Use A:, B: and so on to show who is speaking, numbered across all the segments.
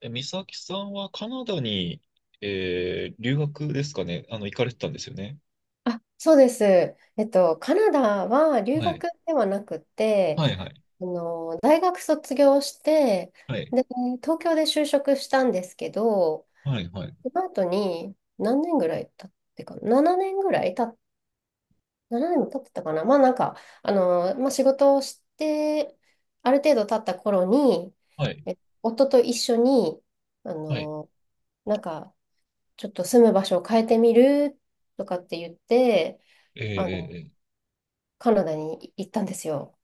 A: え、美咲さんはカナダに、留学ですかね。行かれてたんですよね。
B: あ、そうです。カナダは留
A: はい。
B: 学ではなく
A: は
B: て、
A: い、はい。
B: 大学卒業して、
A: はい。
B: で、東京で就職したんですけど、
A: はい、はい。
B: その後に何年ぐらい経ってかな、7年ぐらい年も経ってたかな。まあなんか、まあ仕事をして、ある程度経った頃に、
A: はい。
B: え夫と一緒に、あ
A: はい。
B: の、なんか、ちょっと住む場所を変えてみるとかって言って、
A: え
B: あの
A: ー、
B: カナダに行ったんですよ。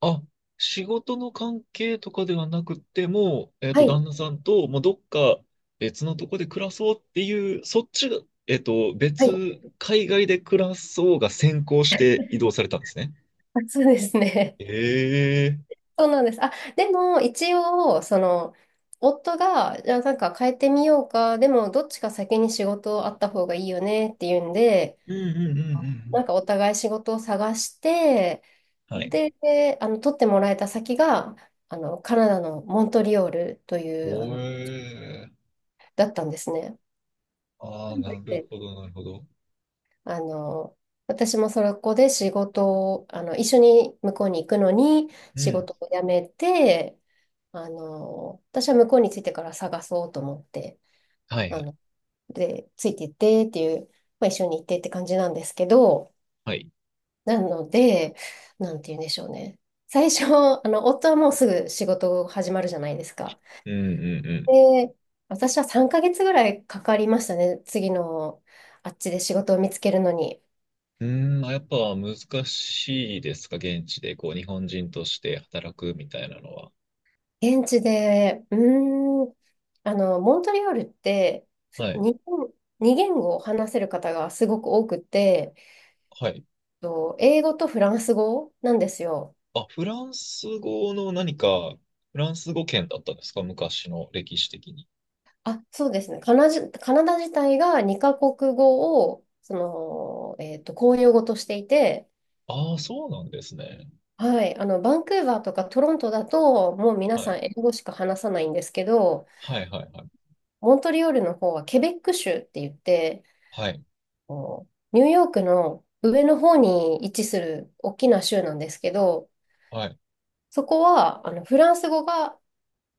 A: あ、仕事の関係とかではなくてもう、
B: はい、
A: 旦那さんと、もうどっか別のとこで暮らそうっていう、そっちが、えっと、
B: はい、
A: 別、海外で暮らそうが先行して移動されたんですね。
B: あ、そうですね。
A: ええー、
B: そうなんです。あ、でも一応、夫が、じゃあなんか変えてみようか、でもどっちか先に仕事あった方がいいよねっていうんで、
A: うんうんうんう
B: な
A: ん
B: んかお互い仕事を探して、
A: うん。はい。
B: で、取ってもらえた先が、カナダのモントリオールという、
A: おえ。
B: だったんですね。
A: ああ、なるほど、なるほど。
B: あの、私もそこで仕事を、一緒に向こうに行くのに
A: う
B: 仕
A: ん。
B: 事を辞めて、私は向こうに着いてから探そうと思って、
A: はい
B: あ
A: はい。
B: の、で、ついて行ってっていう、まあ、一緒に行ってって感じなんですけど、
A: はい。
B: なので、なんて言うんでしょうね。最初、夫はもうすぐ仕事始まるじゃないですか。
A: うんうん
B: で、私は3ヶ月ぐらいかかりましたね。次の、あっちで仕事を見つけるのに。
A: うん。うーん、やっぱ難しいですか、現地で、こう、日本人として働くみたいなのは。
B: 現地で、モントリオールって、ふ
A: はい。
B: 日本、二言語を話せる方がすごく多くて、
A: はい。
B: と英語とフランス語なんですよ。
A: あ、フランス語圏だったんですか、昔の歴史的に。
B: あ、そうですね。カナダ自体が二カ国語を、公用語としていて、
A: ああ、そうなんですね。
B: はい、バンクーバーとかトロントだと、もう皆
A: は
B: さん
A: い。
B: 英語しか話さないんですけど、
A: はいはいはい。
B: モントリオールの方はケベック州って言って、
A: はい。
B: こうニューヨークの上の方に位置する大きな州なんですけど、
A: はい。
B: そこはフランス語が、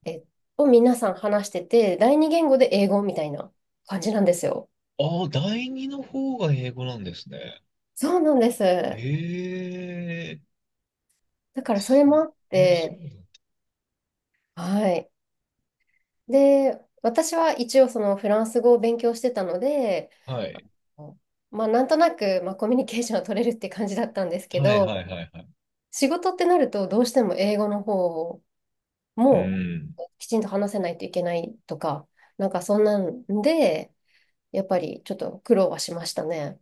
B: え、を皆さん話してて、第二言語で英語みたいな感じなんですよ。
A: ああ、第二の方が英語なんですね。
B: そうなんで
A: え
B: す。
A: えー、
B: だからそ
A: す、
B: れもあっ
A: そう
B: て、
A: なんだ。
B: はい。で、私は一応そのフランス語を勉強してたので、
A: は
B: あ
A: い。
B: のまあなんとなく、まあ、コミュニケーションは取れるって感じだったんですけ
A: はいはい
B: ど、
A: はいはい。
B: 仕事ってなるとどうしても英語の方
A: う
B: も
A: ん。
B: うきちんと話せないといけないとか、なんかそんなんで、やっぱりちょっと苦労はしましたね。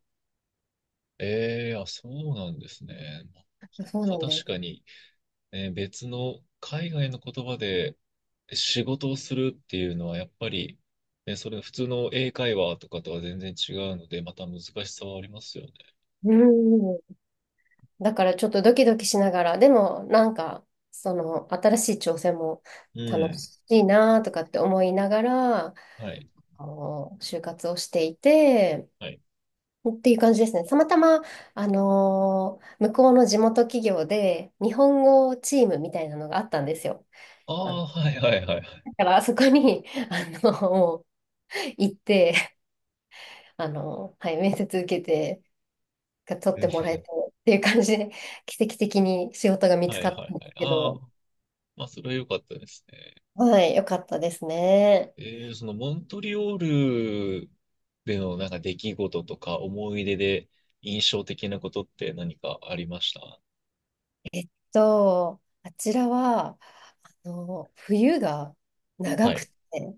A: ええ、あ、そうなんですね。
B: そう
A: まあ
B: なん
A: 確
B: で
A: か
B: す。
A: に、別の海外の言葉で仕事をするっていうのは、やっぱり、ね、それ普通の英会話とかとは全然違うので、また難しさはありますよね。
B: うん。だからちょっとドキドキしながら、でもなんか、その新しい挑戦も
A: う
B: 楽
A: ん。
B: しいなとかって思いながら、
A: はい。
B: 就活をしていて、
A: はい。
B: っていう感じですね。たまたま、向こうの地元企業で日本語チームみたいなのがあったんですよ。
A: あ
B: あ、
A: あ、はいはいはいはい。
B: だからあそこに、もう行って、はい、面接受けて、取っ
A: う
B: て
A: ん、
B: もらえてっていう感じで、奇跡的に仕事が見つ
A: は
B: か
A: い
B: っ
A: は
B: た
A: い
B: んです
A: はい。
B: け
A: ああ、
B: ど、
A: まあ、それは良かったですね。
B: はい、よかったですね。
A: えそのモントリオールでのなんか出来事とか思い出で印象的なことって何かありました？
B: あちらは、冬が長
A: は
B: く
A: い。
B: て、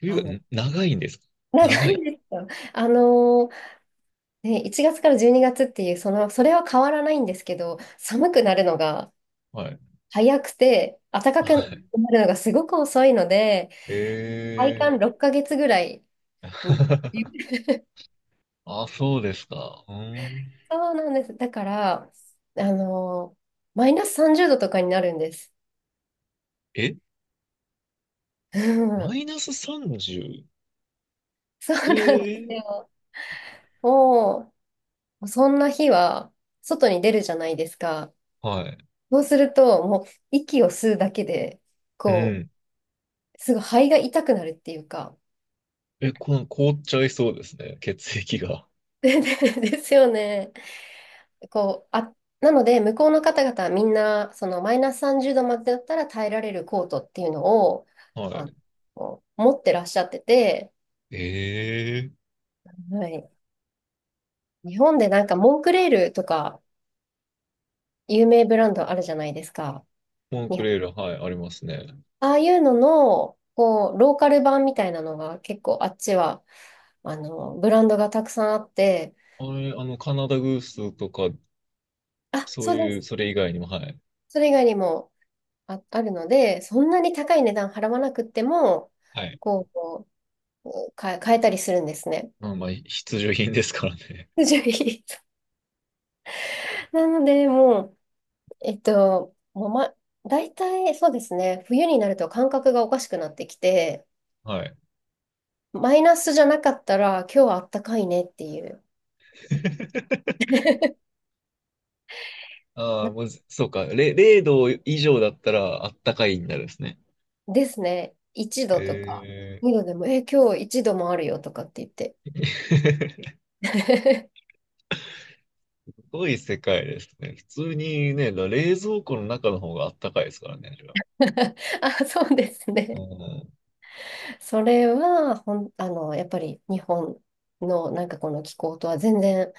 A: 冬
B: あ
A: が
B: の、
A: 長いんですか？
B: 長
A: 長
B: い
A: い。
B: んですよ。あの、ね、1月から12月っていう、それは変わらないんですけど、寒くなるのが
A: はい。
B: 早くて、暖か く
A: はい。
B: なるのがすごく遅いので、体
A: えー。
B: 感6ヶ月ぐらい。ん
A: あ、そうですか。うん。
B: そうなんです。だから、あのーマイナス30度とかになるんです。
A: え、
B: う
A: マ
B: ん、
A: イナス 30？
B: そうなんで
A: え
B: す
A: ー。
B: よ。もう、そんな日は外に出るじゃないですか。
A: はい。
B: そうすると、もう息を吸うだけで、
A: う
B: こ
A: ん。
B: う、すごい肺が痛くなるっていうか。
A: え、凍っちゃいそうですね。血液が。
B: でですよね。あ、なので、向こうの方々はみんな、そのマイナス30度までだったら耐えられるコートっていうのを、
A: は
B: あ
A: い。
B: 持ってらっしゃってて、
A: えー。
B: はい。日本でなんかモンクレールとか有名ブランドあるじゃないですか。
A: モン
B: 日
A: ク
B: 本
A: レール、はい、ありますね。
B: ああいうのの、こう、ローカル版みたいなのが結構あっちは、ブランドがたくさんあって、
A: あれ、あの、カナダグースとか
B: あ、
A: そう
B: そうで
A: いう、
B: す。
A: それ以外にも、はい。
B: それ以外にも、あるので、そんなに高い値段払わなくっても、
A: はい。
B: こ変え、変えたりするんですね。
A: まあまあ、必需品ですからね。
B: 不条理なので、もう、えっと、もうま、大体そうですね、冬になると感覚がおかしくなってきて、
A: はい。
B: マイナスじゃなかったら、今日はあったかいねっていう。
A: ああ、もう、そうか。0度以上だったら、あったかいになるんですね。
B: ですね。一度とか、
A: え
B: 2
A: え。
B: 度でも、今日一度もあるよとかって言って。
A: すごい世界ですね。普通にね、冷蔵庫の中の方があったかいですからね、あれは。
B: あ、そうです
A: う
B: ね。
A: ん。
B: それは、やっぱり日本のなんかこの気候とは全然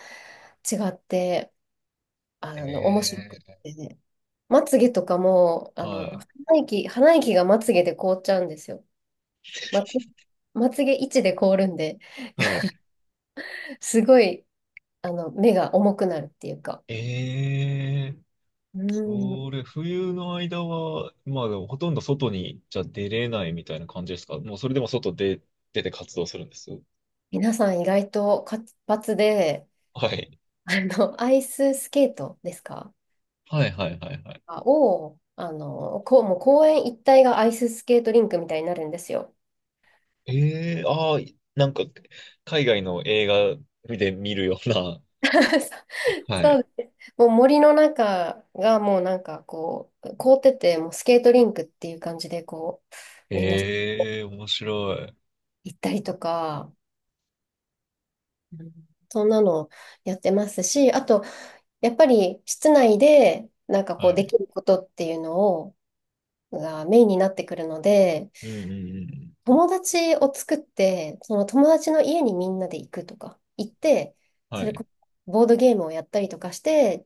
B: 違って、面白くっ
A: ええ、
B: て、まつげとかも、
A: はい。
B: 鼻息がまつげで凍っちゃうんですよ。まつ、まつげ位置で凍るんで、
A: はい。
B: すごい、目が重くなるっていうか。
A: ええ。
B: う
A: そ
B: ん。
A: れ、冬の間は、まあでもほとんど外にじゃ出れないみたいな感じですか？もうそれでも外で出て活動するんです？
B: 皆さん意外と活発で、
A: はい。
B: アイススケートですか
A: はいはいはいはい。
B: を、こう、もう公園一帯がアイススケートリンクみたいになるんですよ。
A: ええ、ああ、なんか、海外の映画で見るような。は
B: そ
A: い。
B: うです。もう森の中がもうなんかこう、凍ってて、もうスケートリンクっていう感じで、こう、みんな
A: ええ、面白い。
B: 行ったりとか、うん、そんなのやってますし、あと、やっぱり室内で、なんかこう、
A: は
B: で
A: い。
B: きることっていうのを、がメインになってくるので、
A: うんうんうん。
B: 友達を作って、その友達の家にみんなで行くとか、行って、そ
A: は
B: れこ
A: い。
B: そボードゲームをやったりとかして、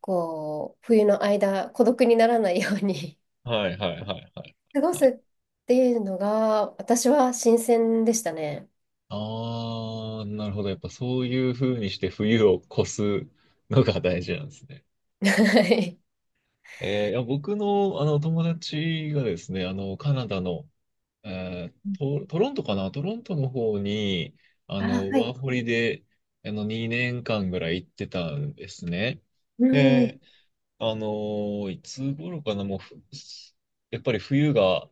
B: こう、冬の間、孤独にならないように
A: はいはいはいはい。
B: 過ご
A: は
B: す
A: い、
B: っていうのが、私は新鮮でしたね。
A: ああ、なるほど。やっぱそういう風にして冬を越すのが大事なんですね。
B: はい。
A: いや僕の、あの友達がですね、カナダのトロントかな、トロントの方に、
B: あ、は
A: ワ
B: い。
A: ーホリで、2年間ぐらい行ってたんですね。
B: うん。
A: で、あのいつ頃かなもう、やっぱり冬が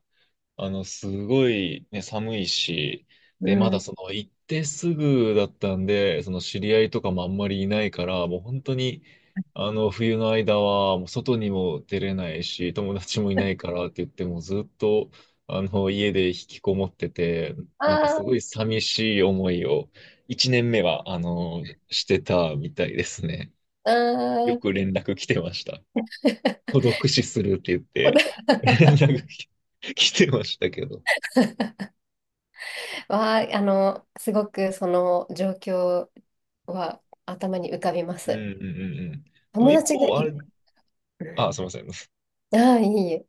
A: すごいね、寒いし、
B: う
A: で、まだそ
B: ん、
A: の行ってすぐだったんで、その知り合いとかもあんまりいないから、もう本当に、冬の間は、もう外にも出れないし、友達もいないからって言って、もうずっと、家で引きこもってて、なんかす
B: あ
A: ご
B: あ。
A: い寂しい思いを、一年目は、してたみたいですね。
B: あ
A: よ
B: ー。
A: く連絡来てました。孤独死するって言って、連絡来てましたけど。
B: は、あの、すごくその状況は頭に浮かびま
A: うんうん
B: す。
A: うんうん。でも
B: 友
A: 一
B: 達が
A: 方、
B: い
A: あ
B: な、
A: れ、あ、すみません。う
B: ああー、いいえ。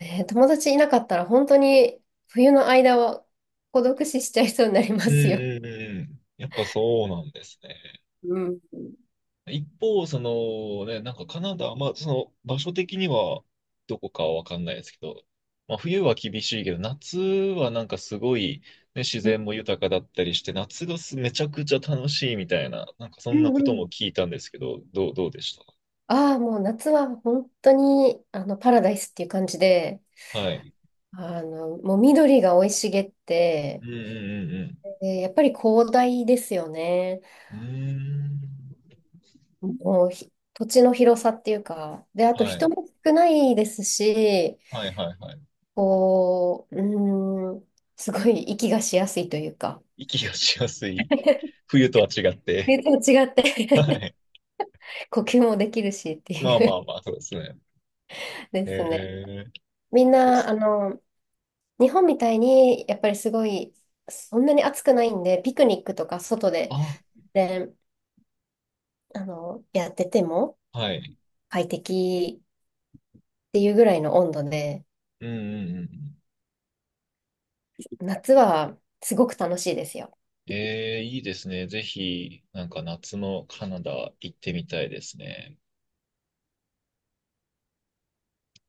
B: 友達いなかったら本当に冬の間は孤独死しちゃいそうになりま
A: んう
B: すよ。
A: んうんうん。やっぱそうなんですね。
B: うん。
A: 一方、そのね、なんかカナダ、まあその場所的にはどこかはわかんないですけど、まあ冬は厳しいけど、夏はなんかすごい、ね、自
B: うん
A: 然も豊かだったりして、夏がめちゃくちゃ楽しいみたいな、なんかそんな
B: う
A: ことも
B: ん、
A: 聞いたんですけど、どうでし
B: ああ、もう夏は本当にパラダイスっていう感じで、
A: た？はい。
B: もう緑が生い茂っ
A: う
B: て、
A: んう
B: でやっぱり広大ですよね。
A: んうんうん。うーん。
B: もう土地の広さっていうか、で、あと
A: は
B: 人
A: い。
B: も少ないですし、
A: はいはいはい。
B: こう、すごい息がしやすいというか、
A: 息がしやすい。冬とは違って。
B: 全然違っ
A: は
B: て
A: い。
B: 呼吸もできるしって
A: まあ
B: い
A: ま
B: う
A: あまあ、そうですね。
B: ですね。
A: えー、
B: みん
A: そうっ
B: な、
A: す。
B: 日本みたいに、やっぱりすごい、そんなに暑くないんで、ピクニックとか外で、
A: あ、
B: で、やってても
A: はい。
B: 快適っていうぐらいの温度で、
A: うんうんうん。
B: 夏はすごく楽しいですよ。
A: いいですね。ぜひ、なんか夏のカナダ行ってみたいですね。